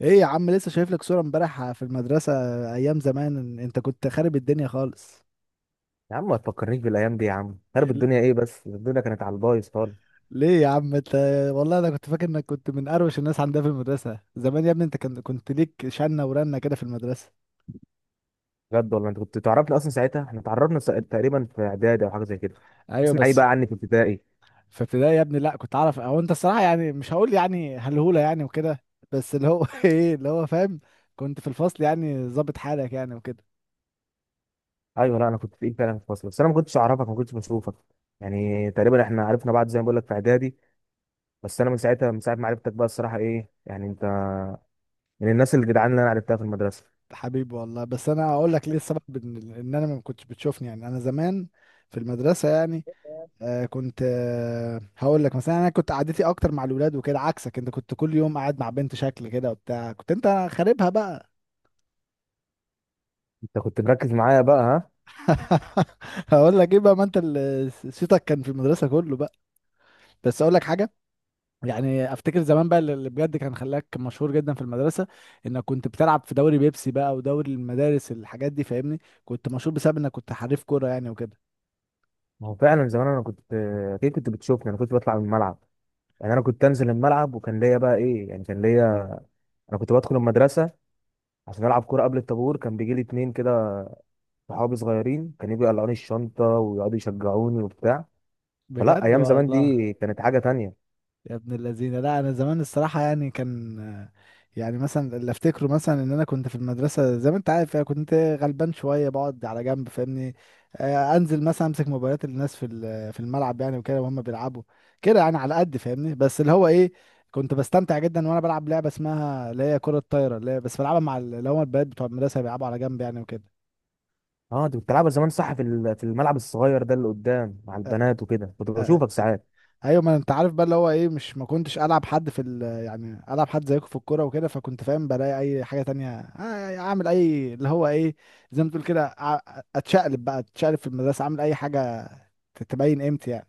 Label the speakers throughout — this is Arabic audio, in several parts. Speaker 1: ايه يا عم، لسه شايف لك صورة امبارح في المدرسة. ايام زمان انت كنت خارب الدنيا خالص.
Speaker 2: يا عم ما تفكرنيش بالايام دي يا عم. خرب الدنيا ايه؟ بس الدنيا كانت على البايظ خالص.
Speaker 1: ليه يا عم انت، والله انا كنت فاكر انك كنت من اروش الناس عندها في المدرسة زمان. يا ابني انت كنت ليك شنة ورنة كده في المدرسة.
Speaker 2: بجد والله انت كنت تعرفني اصلا ساعتها؟ احنا اتعرفنا تقريبا في اعدادي او حاجه زي كده.
Speaker 1: ايوه
Speaker 2: تسمع ايه
Speaker 1: بس.
Speaker 2: بقى عني في ابتدائي؟
Speaker 1: في ابتدائي يا ابني، لا كنت اعرف، او انت الصراحة يعني مش هقول يعني هلهولة يعني وكده، بس اللي هو ايه اللي هو فاهم. كنت في الفصل يعني ظابط حالك يعني وكده.
Speaker 2: ايوه، لا انا كنت تقيل فعلا في الفصل، بس انا ما كنتش اعرفك، ما كنتش بشوفك. يعني تقريبا احنا عرفنا بعض زي ما بقول لك في اعدادي. بس انا من ساعتها، من ساعه ما عرفتك بقى الصراحه، ايه يعني انت من الناس الجدعان اللي انا عرفتها في المدرسه.
Speaker 1: حبيبي والله، بس انا اقول لك ليه السبب، إن انا ما كنتش بتشوفني، يعني انا زمان في المدرسة يعني. كنت هقول لك مثلا انا كنت قعدتي اكتر مع الولاد وكده، عكسك انت كنت كل يوم قاعد مع بنت شكل كده وبتاع، كنت انت خاربها بقى.
Speaker 2: انت كنت مركز معايا بقى ها؟
Speaker 1: هقول لك ايه بقى، ما انت اللي صيتك كان في المدرسه كله بقى. بس اقول لك حاجه، يعني افتكر زمان بقى اللي بجد كان خلاك مشهور جدا في المدرسه، انك كنت بتلعب في دوري بيبسي بقى، ودوري المدارس، الحاجات دي فاهمني. كنت مشهور بسبب انك كنت حريف كوره يعني وكده.
Speaker 2: ما هو فعلا زمان انا كنت، اكيد كنت بتشوفني. انا كنت بطلع من الملعب، يعني انا كنت انزل الملعب وكان ليا بقى ايه، يعني كان ليا. انا كنت بدخل المدرسه عشان العب كوره قبل الطابور. كان بيجي لي اتنين كده صحابي صغيرين، كانوا يجوا يقلعوني الشنطه ويقعدوا يشجعوني وبتاع. فلا،
Speaker 1: بجد
Speaker 2: ايام زمان
Speaker 1: والله.
Speaker 2: دي كانت حاجه تانية.
Speaker 1: يا ابن الذين، لا انا زمان الصراحه يعني كان، يعني مثلا اللي افتكره مثلا ان انا كنت في المدرسه زي ما انت عارف، يعني كنت غلبان شويه بقعد على جنب فاهمني. آه، انزل مثلا امسك موبايلات الناس في الملعب يعني وكده وهم بيلعبوا كده، يعني على قد فاهمني. بس اللي هو ايه، كنت بستمتع جدا وانا بلعب لعبه اسمها اللي هي كره الطايره، اللي هي بس بلعبها مع اللي هم البنات بتوع المدرسه بيلعبوا على جنب يعني وكده.
Speaker 2: اه انت كنت بتلعبها زمان صح، في في الملعب الصغير ده اللي قدام مع
Speaker 1: آه،
Speaker 2: البنات وكده، كنت
Speaker 1: آه،
Speaker 2: بشوفك ساعات.
Speaker 1: ايوه ما انت عارف بقى اللي هو ايه، مش ما كنتش العب حد في ال، يعني العب حد زيكم في الكوره وكده، فكنت فاهم بلاقي اي حاجه تانية. آه، يعني اعمل اي اللي هو ايه، زي ما تقول كده اتشقلب بقى، اتشقلب في المدرسه اعمل اي حاجه تبين قيمتي يعني.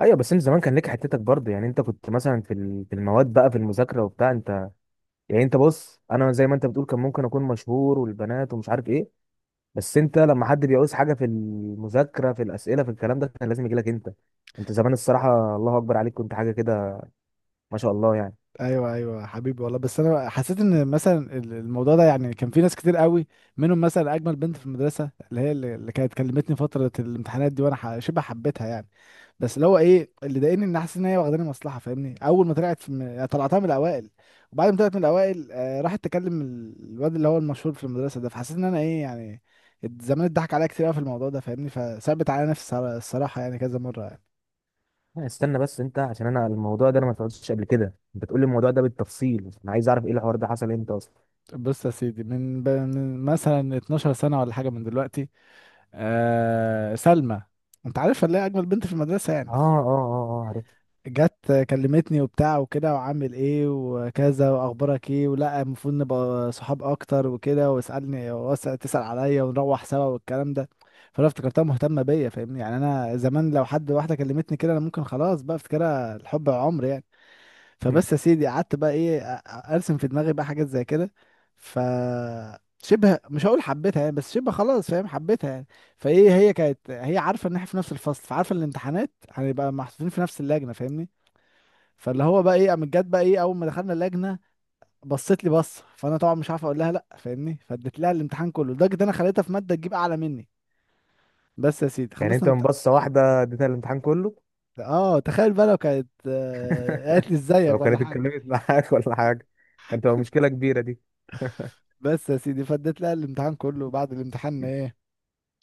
Speaker 2: ايوه بس انت زمان كان ليك حتتك برضه. يعني انت كنت مثلا في في المواد بقى، في المذاكره وبتاع انت. يعني انت بص، انا زي ما انت بتقول كان ممكن اكون مشهور والبنات ومش عارف ايه، بس انت لما حد بيعوز حاجه في المذاكره، في الاسئله، في الكلام ده، كان لازم يجي لك انت. انت زمان الصراحه الله اكبر عليك، كنت حاجه كده ما شاء الله يعني.
Speaker 1: ايوه ايوه حبيبي والله، بس انا حسيت ان مثلا الموضوع ده يعني كان في ناس كتير قوي، منهم مثلا اجمل بنت في المدرسه اللي هي اللي كانت كلمتني فتره الامتحانات دي، وانا شبه حبيتها يعني. بس اللي هو ايه اللي ضايقني، ان حاسس ان هي واخداني مصلحه فاهمني، اول ما طلعت طلعتها من الاوائل، وبعد ما طلعت من الاوائل آه راحت تكلم الواد اللي هو المشهور في المدرسه ده، فحسيت ان انا ايه يعني زمان اتضحك عليا كتير قوي في الموضوع ده فاهمني، فثبت على نفسي الصراحه يعني كذا مره يعني.
Speaker 2: استنى بس، انت عشان انا الموضوع ده انا ما سمعتش قبل كده، انت تقول لي الموضوع ده بالتفصيل، انا عايز اعرف ايه الحوار ده، حصل امتى اصلا؟
Speaker 1: بص يا سيدي من مثلا 12 سنة سنه ولا حاجه من دلوقتي. آه، سلمى، انت عارف اللي هي اجمل بنت في المدرسه
Speaker 2: اه
Speaker 1: يعني.
Speaker 2: اه اه اه، عرفت.
Speaker 1: جت كلمتني وبتاع وكده، وعامل ايه وكذا، واخبارك ايه، ولا المفروض نبقى صحاب اكتر وكده، واسالني تسال عليا ونروح سوا والكلام ده. فانا افتكرتها مهتمه بيا فاهمني، يعني انا زمان لو حد واحده كلمتني كده انا ممكن خلاص بقى افتكرها الحب عمر يعني. فبس يا سيدي قعدت بقى ايه ارسم في دماغي بقى حاجات زي كده. ف شبه مش هقول حبيتها يعني، بس شبه خلاص فاهم حبيتها يعني. فايه هي كانت هي عارفه ان احنا في نفس الفصل، فعارفه الامتحانات هنبقى محطوطين في نفس اللجنه فاهمني. فاللي هو بقى ايه قامت جت بقى ايه اول ما دخلنا اللجنه، بصت لي بصه، فانا طبعا مش عارف اقول لها لا فاهمني، فاديت لها الامتحان كله لدرجه ان انا خليتها في ماده تجيب اعلى مني. بس يا سيدي
Speaker 2: يعني
Speaker 1: خلصنا
Speaker 2: انت من بصه واحده اديتها الامتحان كله؟
Speaker 1: اه تخيل بقى لو كانت قالت لي
Speaker 2: لو
Speaker 1: ازيك ولا
Speaker 2: كانت
Speaker 1: حاجه.
Speaker 2: اتكلمت معاك ولا حاجه، انت هو مشكله كبيره دي.
Speaker 1: بس يا سيدي فاديت لها الامتحان كله، وبعد الامتحان ايه،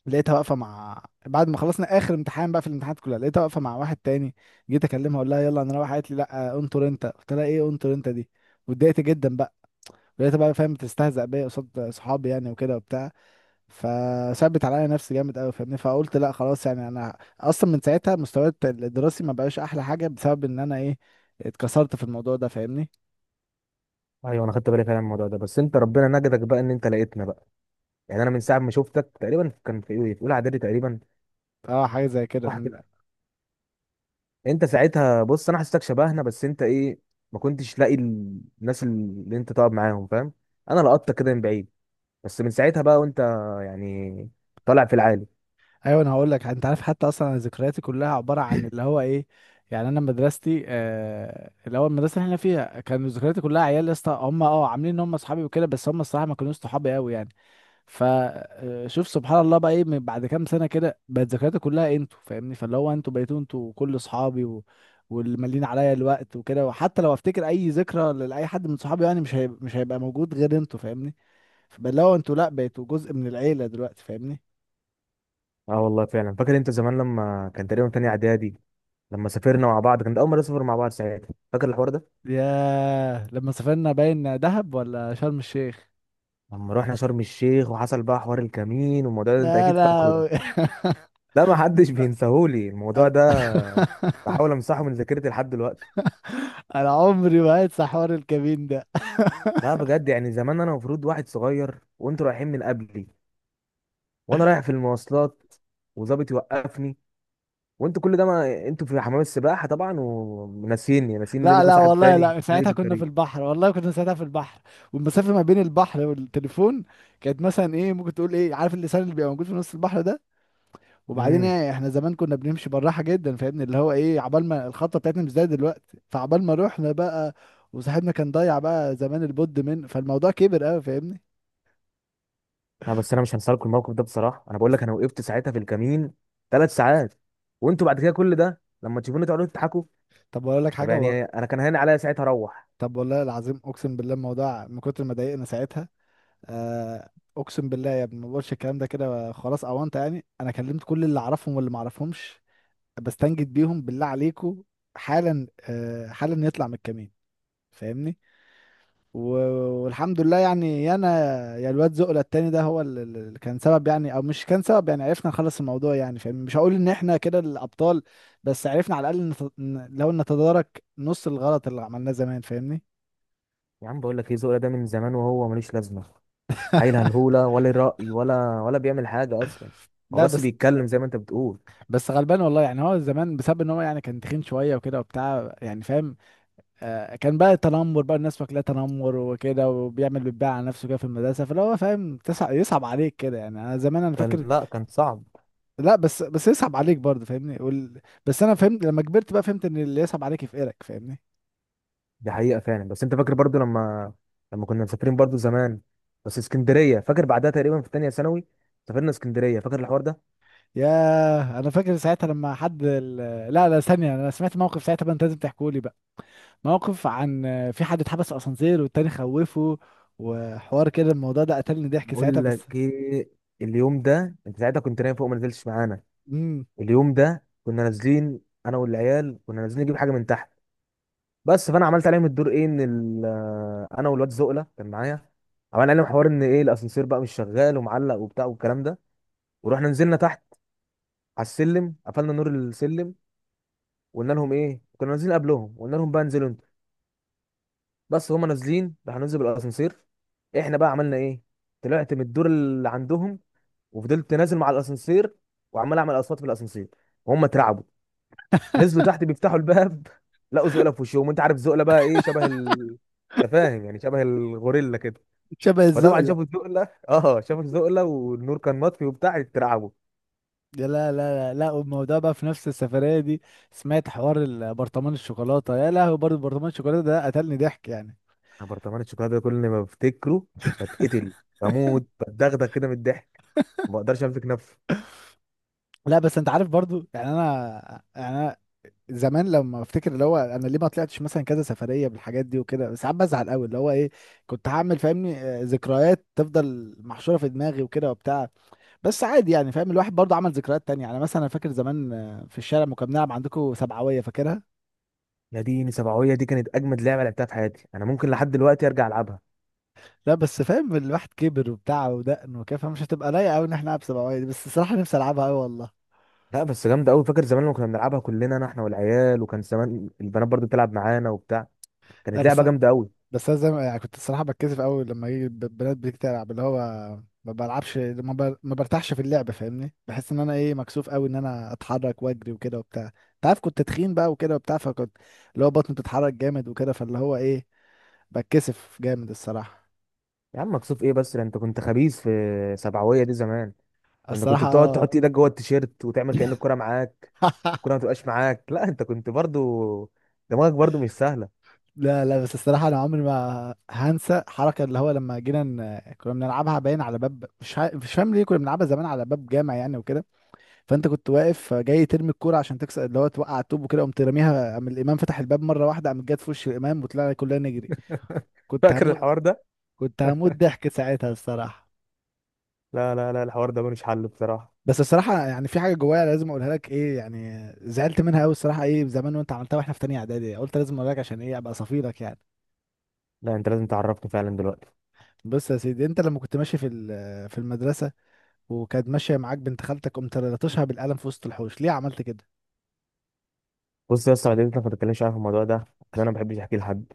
Speaker 1: لقيتها واقفه مع بعد ما خلصنا اخر امتحان بقى في الامتحانات كلها، لقيتها واقفه مع واحد تاني. جيت اكلمها اقول لها يلا انا رايحه، قالت لي لا انطر انت. قلت لها ايه انطر انت دي، واتضايقت جدا بقى. لقيتها بقى فاهم بتستهزأ بيا قصاد صحابي يعني وكده وبتاع، فثبت عليا نفسي جامد قوي فاهمني. فقلت لا خلاص يعني، انا اصلا من ساعتها مستواي الدراسي ما بقاش احلى حاجه بسبب ان انا ايه، اتكسرت في الموضوع ده فاهمني.
Speaker 2: ايوه، انا خدت بالي فعلا من الموضوع ده. بس انت ربنا نجدك بقى ان انت لقيتنا بقى. يعني انا من ساعه ما شفتك تقريبا، كان في ايه، في اولى اعدادي تقريبا،
Speaker 1: اه حاجه زي كده
Speaker 2: واحد.
Speaker 1: من.
Speaker 2: انت ساعتها بص، انا حسيتك شبهنا، بس انت ايه، ما كنتش لاقي الناس اللي انت تقعد معاهم، فاهم؟ انا لقطتك كده من بعيد. بس من ساعتها بقى وانت يعني طالع في العالي.
Speaker 1: ايوه انا هقول لك، انت عارف حتى اصلا انا ذكرياتي كلها عباره عن اللي هو ايه، يعني انا مدرستي الاول المدرسه اللي احنا فيها كانوا ذكرياتي كلها عيال يا اسطى، هم اه عاملين ان هم اصحابي وكده، بس هم الصراحه ما كانوش صحابي قوي يعني. فشوف سبحان الله بقى ايه، من بعد كام سنه كده بقت ذكرياتي كلها انتوا فاهمني، فاللي هو انتوا بقيتوا انتوا كل اصحابي واللي مالين عليا الوقت وكده. وحتى لو افتكر اي ذكرى لاي حد من صحابي يعني، مش هيبقى موجود غير انتوا فاهمني. فاللي هو انتوا لا بقيتوا جزء من العيله دلوقتي فاهمني.
Speaker 2: اه والله فعلا، فاكر انت زمان لما كان تقريبا تاني اعدادي، لما سافرنا مع بعض، كان ده اول مره نسافر مع بعض ساعتها؟ فاكر الحوار ده؟
Speaker 1: ياه لما سافرنا، باين دهب ولا شرم الشيخ.
Speaker 2: لما رحنا شرم الشيخ وحصل بقى حوار الكمين والموضوع ده، انت
Speaker 1: يا
Speaker 2: اكيد فاكره ده.
Speaker 1: لهوي
Speaker 2: لا، ما حدش بينساهولي الموضوع
Speaker 1: انا.
Speaker 2: ده، بحاول امسحه من ذاكرتي لحد دلوقتي.
Speaker 1: أنا عمري ما هنسى حوار الكمين ده.
Speaker 2: لا بجد يعني زمان، انا المفروض واحد صغير وانتوا رايحين من قبلي، وانا رايح في المواصلات، وظابط يوقفني، وانتوا كل ده ما انتوا في حمام السباحه طبعا، وناسيني، ناسيين ان
Speaker 1: لا
Speaker 2: لكم
Speaker 1: لا
Speaker 2: صاحب
Speaker 1: والله
Speaker 2: تاني
Speaker 1: لا،
Speaker 2: جاي
Speaker 1: ساعتها
Speaker 2: في
Speaker 1: كنا في
Speaker 2: الطريق.
Speaker 1: البحر، والله كنا ساعتها في البحر، والمسافة ما بين البحر والتليفون كانت مثلا ايه، ممكن تقول ايه، عارف اللسان اللي بيبقى موجود في نص البحر ده. وبعدين
Speaker 2: امم
Speaker 1: ايه، احنا زمان كنا بنمشي بالراحة جدا فاهمني، اللي هو ايه عبال ما الخطة بتاعتنا مش زي دلوقتي، فعبال ما رحنا بقى وصاحبنا كان ضايع بقى زمان البود من، فالموضوع كبر قوي فاهمني.
Speaker 2: لا بس انا مش هنسى لكم الموقف ده بصراحه. انا بقول لك، انا وقفت ساعتها في الكمين ثلاث ساعات، وانتوا بعد كده كل ده لما تشوفوني تقعدوا تضحكوا.
Speaker 1: طب اقول لك
Speaker 2: طب
Speaker 1: حاجه
Speaker 2: يعني انا كان هين عليا ساعتها اروح.
Speaker 1: طب والله العظيم اقسم بالله الموضوع من كتر ما ضايقنا ساعتها آه، اقسم بالله يا ابني ما بقولش الكلام ده كده خلاص اوانت يعني، انا كلمت كل اللي اعرفهم واللي ما اعرفهمش بستنجد بيهم بالله عليكم حالا، آه حالا يطلع من الكمين فاهمني. و... والحمد لله يعني، يا انا يا الواد زقله التاني ده هو اللي كان سبب يعني، او مش كان سبب يعني، عرفنا نخلص الموضوع يعني فاهمني، مش هقول ان احنا كده الابطال، بس عرفنا على الاقل لو نتدارك نص الغلط اللي عملناه زمان فاهمني.
Speaker 2: يا عم بقول لك ايه، ذوقي ده من زمان وهو ملوش لازمه. عيل هلهوله، ولا ليه راي، ولا بيعمل حاجه اصلا، هو
Speaker 1: لا
Speaker 2: بس
Speaker 1: بس
Speaker 2: بيتكلم زي ما انت بتقول.
Speaker 1: بس غلبان والله يعني، هو زمان بسبب ان هو يعني كان تخين شويه وكده وبتاع يعني فاهم، آه كان بقى تنمر بقى، الناس فاكراه تنمر وكده، وبيعمل بيتباع على نفسه كده في المدرسه، فاللي هو فاهم تسع يصعب عليك كده يعني، انا زمان انا
Speaker 2: كان،
Speaker 1: فاكر.
Speaker 2: لا كان صعب.
Speaker 1: لا بس بس يصعب عليك برضه فاهمني بس انا فهمت لما كبرت بقى، فهمت ان اللي يصعب عليك يفقرك فاهمني.
Speaker 2: دي حقيقة فعلا. بس انت فاكر برضو لما كنا مسافرين برضو زمان؟ بس اسكندرية، فاكر؟ بعدها تقريبا في تانية ثانوي سافرنا اسكندرية، فاكر الحوار ده؟
Speaker 1: ياه انا فاكر ساعتها لما حد لا لا ثانيه، انا سمعت موقف ساعتها بقى انت لازم تحكوا لي، موقف عن في حد اتحبس في اسانسير والتاني خوفه وحوار كده، الموضوع ده قتلني ضحك ساعتها
Speaker 2: بقول
Speaker 1: بس.
Speaker 2: لك ايه، اليوم ده انت ساعتها كنت نايم فوق، ما نزلتش معانا.
Speaker 1: امم.
Speaker 2: اليوم ده كنا نازلين، انا والعيال كنا نازلين نجيب حاجة من تحت. بس فانا عملت عليهم الدور ايه، ان انا والواد زقلة كان معايا، عملنا عليهم حوار ان ايه الاسانسير بقى مش شغال ومعلق وبتاع والكلام ده. ورحنا نزلنا تحت، على السلم قفلنا نور السلم. وقلنا لهم ايه، كنا نازلين قبلهم، قلنا لهم بقى انزلوا انتوا. بس هما نازلين راح ننزل بالاسانسير. احنا بقى عملنا ايه، طلعت من الدور اللي عندهم، وفضلت نازل مع الاسانسير، وعمال اعمل اصوات في الاسانسير. وهم اترعبوا، نزلوا تحت بيفتحوا الباب لقوا زقله في وشهم. انت عارف زقله بقى ايه، شبه انت فاهم يعني، شبه الغوريلا كده.
Speaker 1: شبه
Speaker 2: فطبعا
Speaker 1: الزقلة.
Speaker 2: شافوا الزقله اه، شافوا الزقله والنور كان مطفي وبتاع، اترعبوا.
Speaker 1: يا لا لا لا لا، والموضوع بقى في نفس السفرية دي، سمعت حوار البرطمان الشوكولاتة؟ يا لهوي برضه برطمان الشوكولاتة ده قتلني ضحك يعني.
Speaker 2: انا برطمان الشوكولاته ده كل ما بفتكره بتقتل، بموت، بتدغدغ كده من الضحك، ما بقدرش امسك نفسي.
Speaker 1: لا بس انت عارف برضه يعني انا يعني انا زمان لما افتكر اللي هو انا ليه ما طلعتش مثلا كذا سفرية بالحاجات دي وكده، بس ساعات بزعل قوي اللي هو ايه كنت هعمل فاهمني، آه، ذكريات تفضل محشورة في دماغي وكده وبتاع. بس عادي يعني فاهم، الواحد برضه عمل ذكريات تانية، يعني مثلا انا فاكر زمان في الشارع لما كنا بنلعب عندكم سبعوية فاكرها.
Speaker 2: ناديني، سبعوية دي كانت اجمد لعبه لعبتها في حياتي، انا ممكن لحد دلوقتي ارجع العبها.
Speaker 1: لا بس فاهم الواحد كبر وبتاع ودقن وكده، فمش هتبقى لايقة قوي ان احنا نلعب سبعوية دي، بس الصراحة نفسي العبها قوي والله.
Speaker 2: لا بس جامده قوي. فاكر زمان لما كنا بنلعبها كلنا، انا، احنا والعيال، وكان زمان البنات برضو بتلعب معانا وبتاع،
Speaker 1: لا
Speaker 2: كانت
Speaker 1: بس
Speaker 2: لعبه جامده قوي.
Speaker 1: بس انا زي ما يعني كنت الصراحة بتكسف قوي لما يجي بنات بتيجي تلعب اللي هو ما بلعبش ما برتاحش في اللعب فاهمني، بحس ان انا ايه مكسوف قوي ان انا اتحرك واجري وكده وبتاع. انت عارف كنت تخين بقى وكده وبتاع فكنت اللي هو بطني بتتحرك جامد وكده، فاللي هو ايه بتكسف جامد الصراحة.
Speaker 2: يا عم مكسوف ايه بس، ده انت كنت خبيث في سبعوية دي زمان. ده انت كنت
Speaker 1: الصراحة
Speaker 2: بتقعد
Speaker 1: اه.
Speaker 2: تحط ايدك جوه التيشيرت وتعمل كأن الكرة معاك. الكرة ما تبقاش معاك. لا انت كنت برضو دماغك برضو مش سهله.
Speaker 1: لا لا بس الصراحة أنا عمري ما هنسى حركة اللي هو لما جينا كنا بنلعبها باين على باب، مش مش فاهم ليه كنا بنلعبها زمان على باب جامع يعني وكده. فأنت كنت واقف جاي ترمي الكورة عشان تكسر اللي هو توقع الطوب وكده، قمت راميها، قام الإمام فتح الباب مرة واحدة، قامت جت في وش الإمام، وطلعنا كلنا نجري. كنت
Speaker 2: فاكر
Speaker 1: هموت،
Speaker 2: الحوار ده؟
Speaker 1: كنت هموت ضحك ساعتها الصراحة.
Speaker 2: لا لا لا الحوار ده ملوش حل بصراحه.
Speaker 1: بس الصراحة يعني في حاجة جوايا لازم أقولها لك، إيه يعني زعلت منها أوي الصراحة، إيه زمان وأنت عملتها وإحنا في تانية إعدادي، قلت لازم أقولها لك عشان إيه أبقى صفيلك يعني.
Speaker 2: لا انت لازم تعرفني فعلا دلوقتي.
Speaker 1: بص يا سيدي، أنت لما كنت ماشي في المدرسة وكانت ماشيه معاك بنت خالتك قمت لطشها بالقلم في وسط الحوش، ليه عملت كده؟
Speaker 2: بص يا اسطى، والدتي ما تتكلمش، عارف الموضوع ده عشان انا ما بحبش احكي لحد،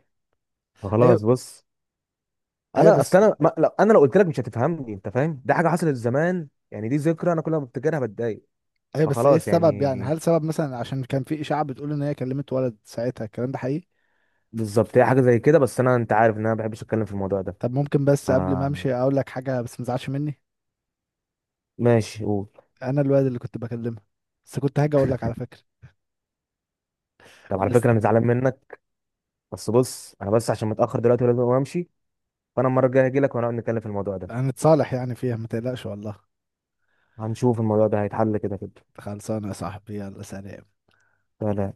Speaker 1: ايوه،
Speaker 2: فخلاص بص.
Speaker 1: ايوه
Speaker 2: انا اصل
Speaker 1: بس.
Speaker 2: انا ما... لو انا لو قلت لك مش هتفهمني انت، فاهم؟ دي حاجه حصلت زمان يعني، دي ذكرى انا كل ما بفتكرها بتضايق،
Speaker 1: ايوه بس ايه
Speaker 2: فخلاص
Speaker 1: السبب
Speaker 2: يعني.
Speaker 1: يعني، هل سبب مثلا عشان كان في اشاعه بتقول ان هي كلمت ولد ساعتها، الكلام ده حقيقي؟
Speaker 2: بالظبط هي حاجه زي كده، بس انا انت عارف ان انا ما بحبش اتكلم في الموضوع ده.
Speaker 1: طب ممكن بس قبل ما
Speaker 2: آه...
Speaker 1: امشي اقول لك حاجه بس ما تزعلش مني،
Speaker 2: ماشي قول.
Speaker 1: انا الواد اللي كنت بكلمها. بس كنت هاجي اقول لك على فكره.
Speaker 2: طب على
Speaker 1: بس
Speaker 2: فكره انا زعلان منك. بس بص، انا بس عشان متاخر دلوقتي ولازم امشي، فانا المره الجايه هجي لك ونقعد نتكلم في الموضوع ده.
Speaker 1: هنتصالح يعني فيها، ما تقلقش والله.
Speaker 2: هنشوف الموضوع ده هيتحل كده كده.
Speaker 1: خلصانه يا صاحبي، يلا سلام.
Speaker 2: سلام.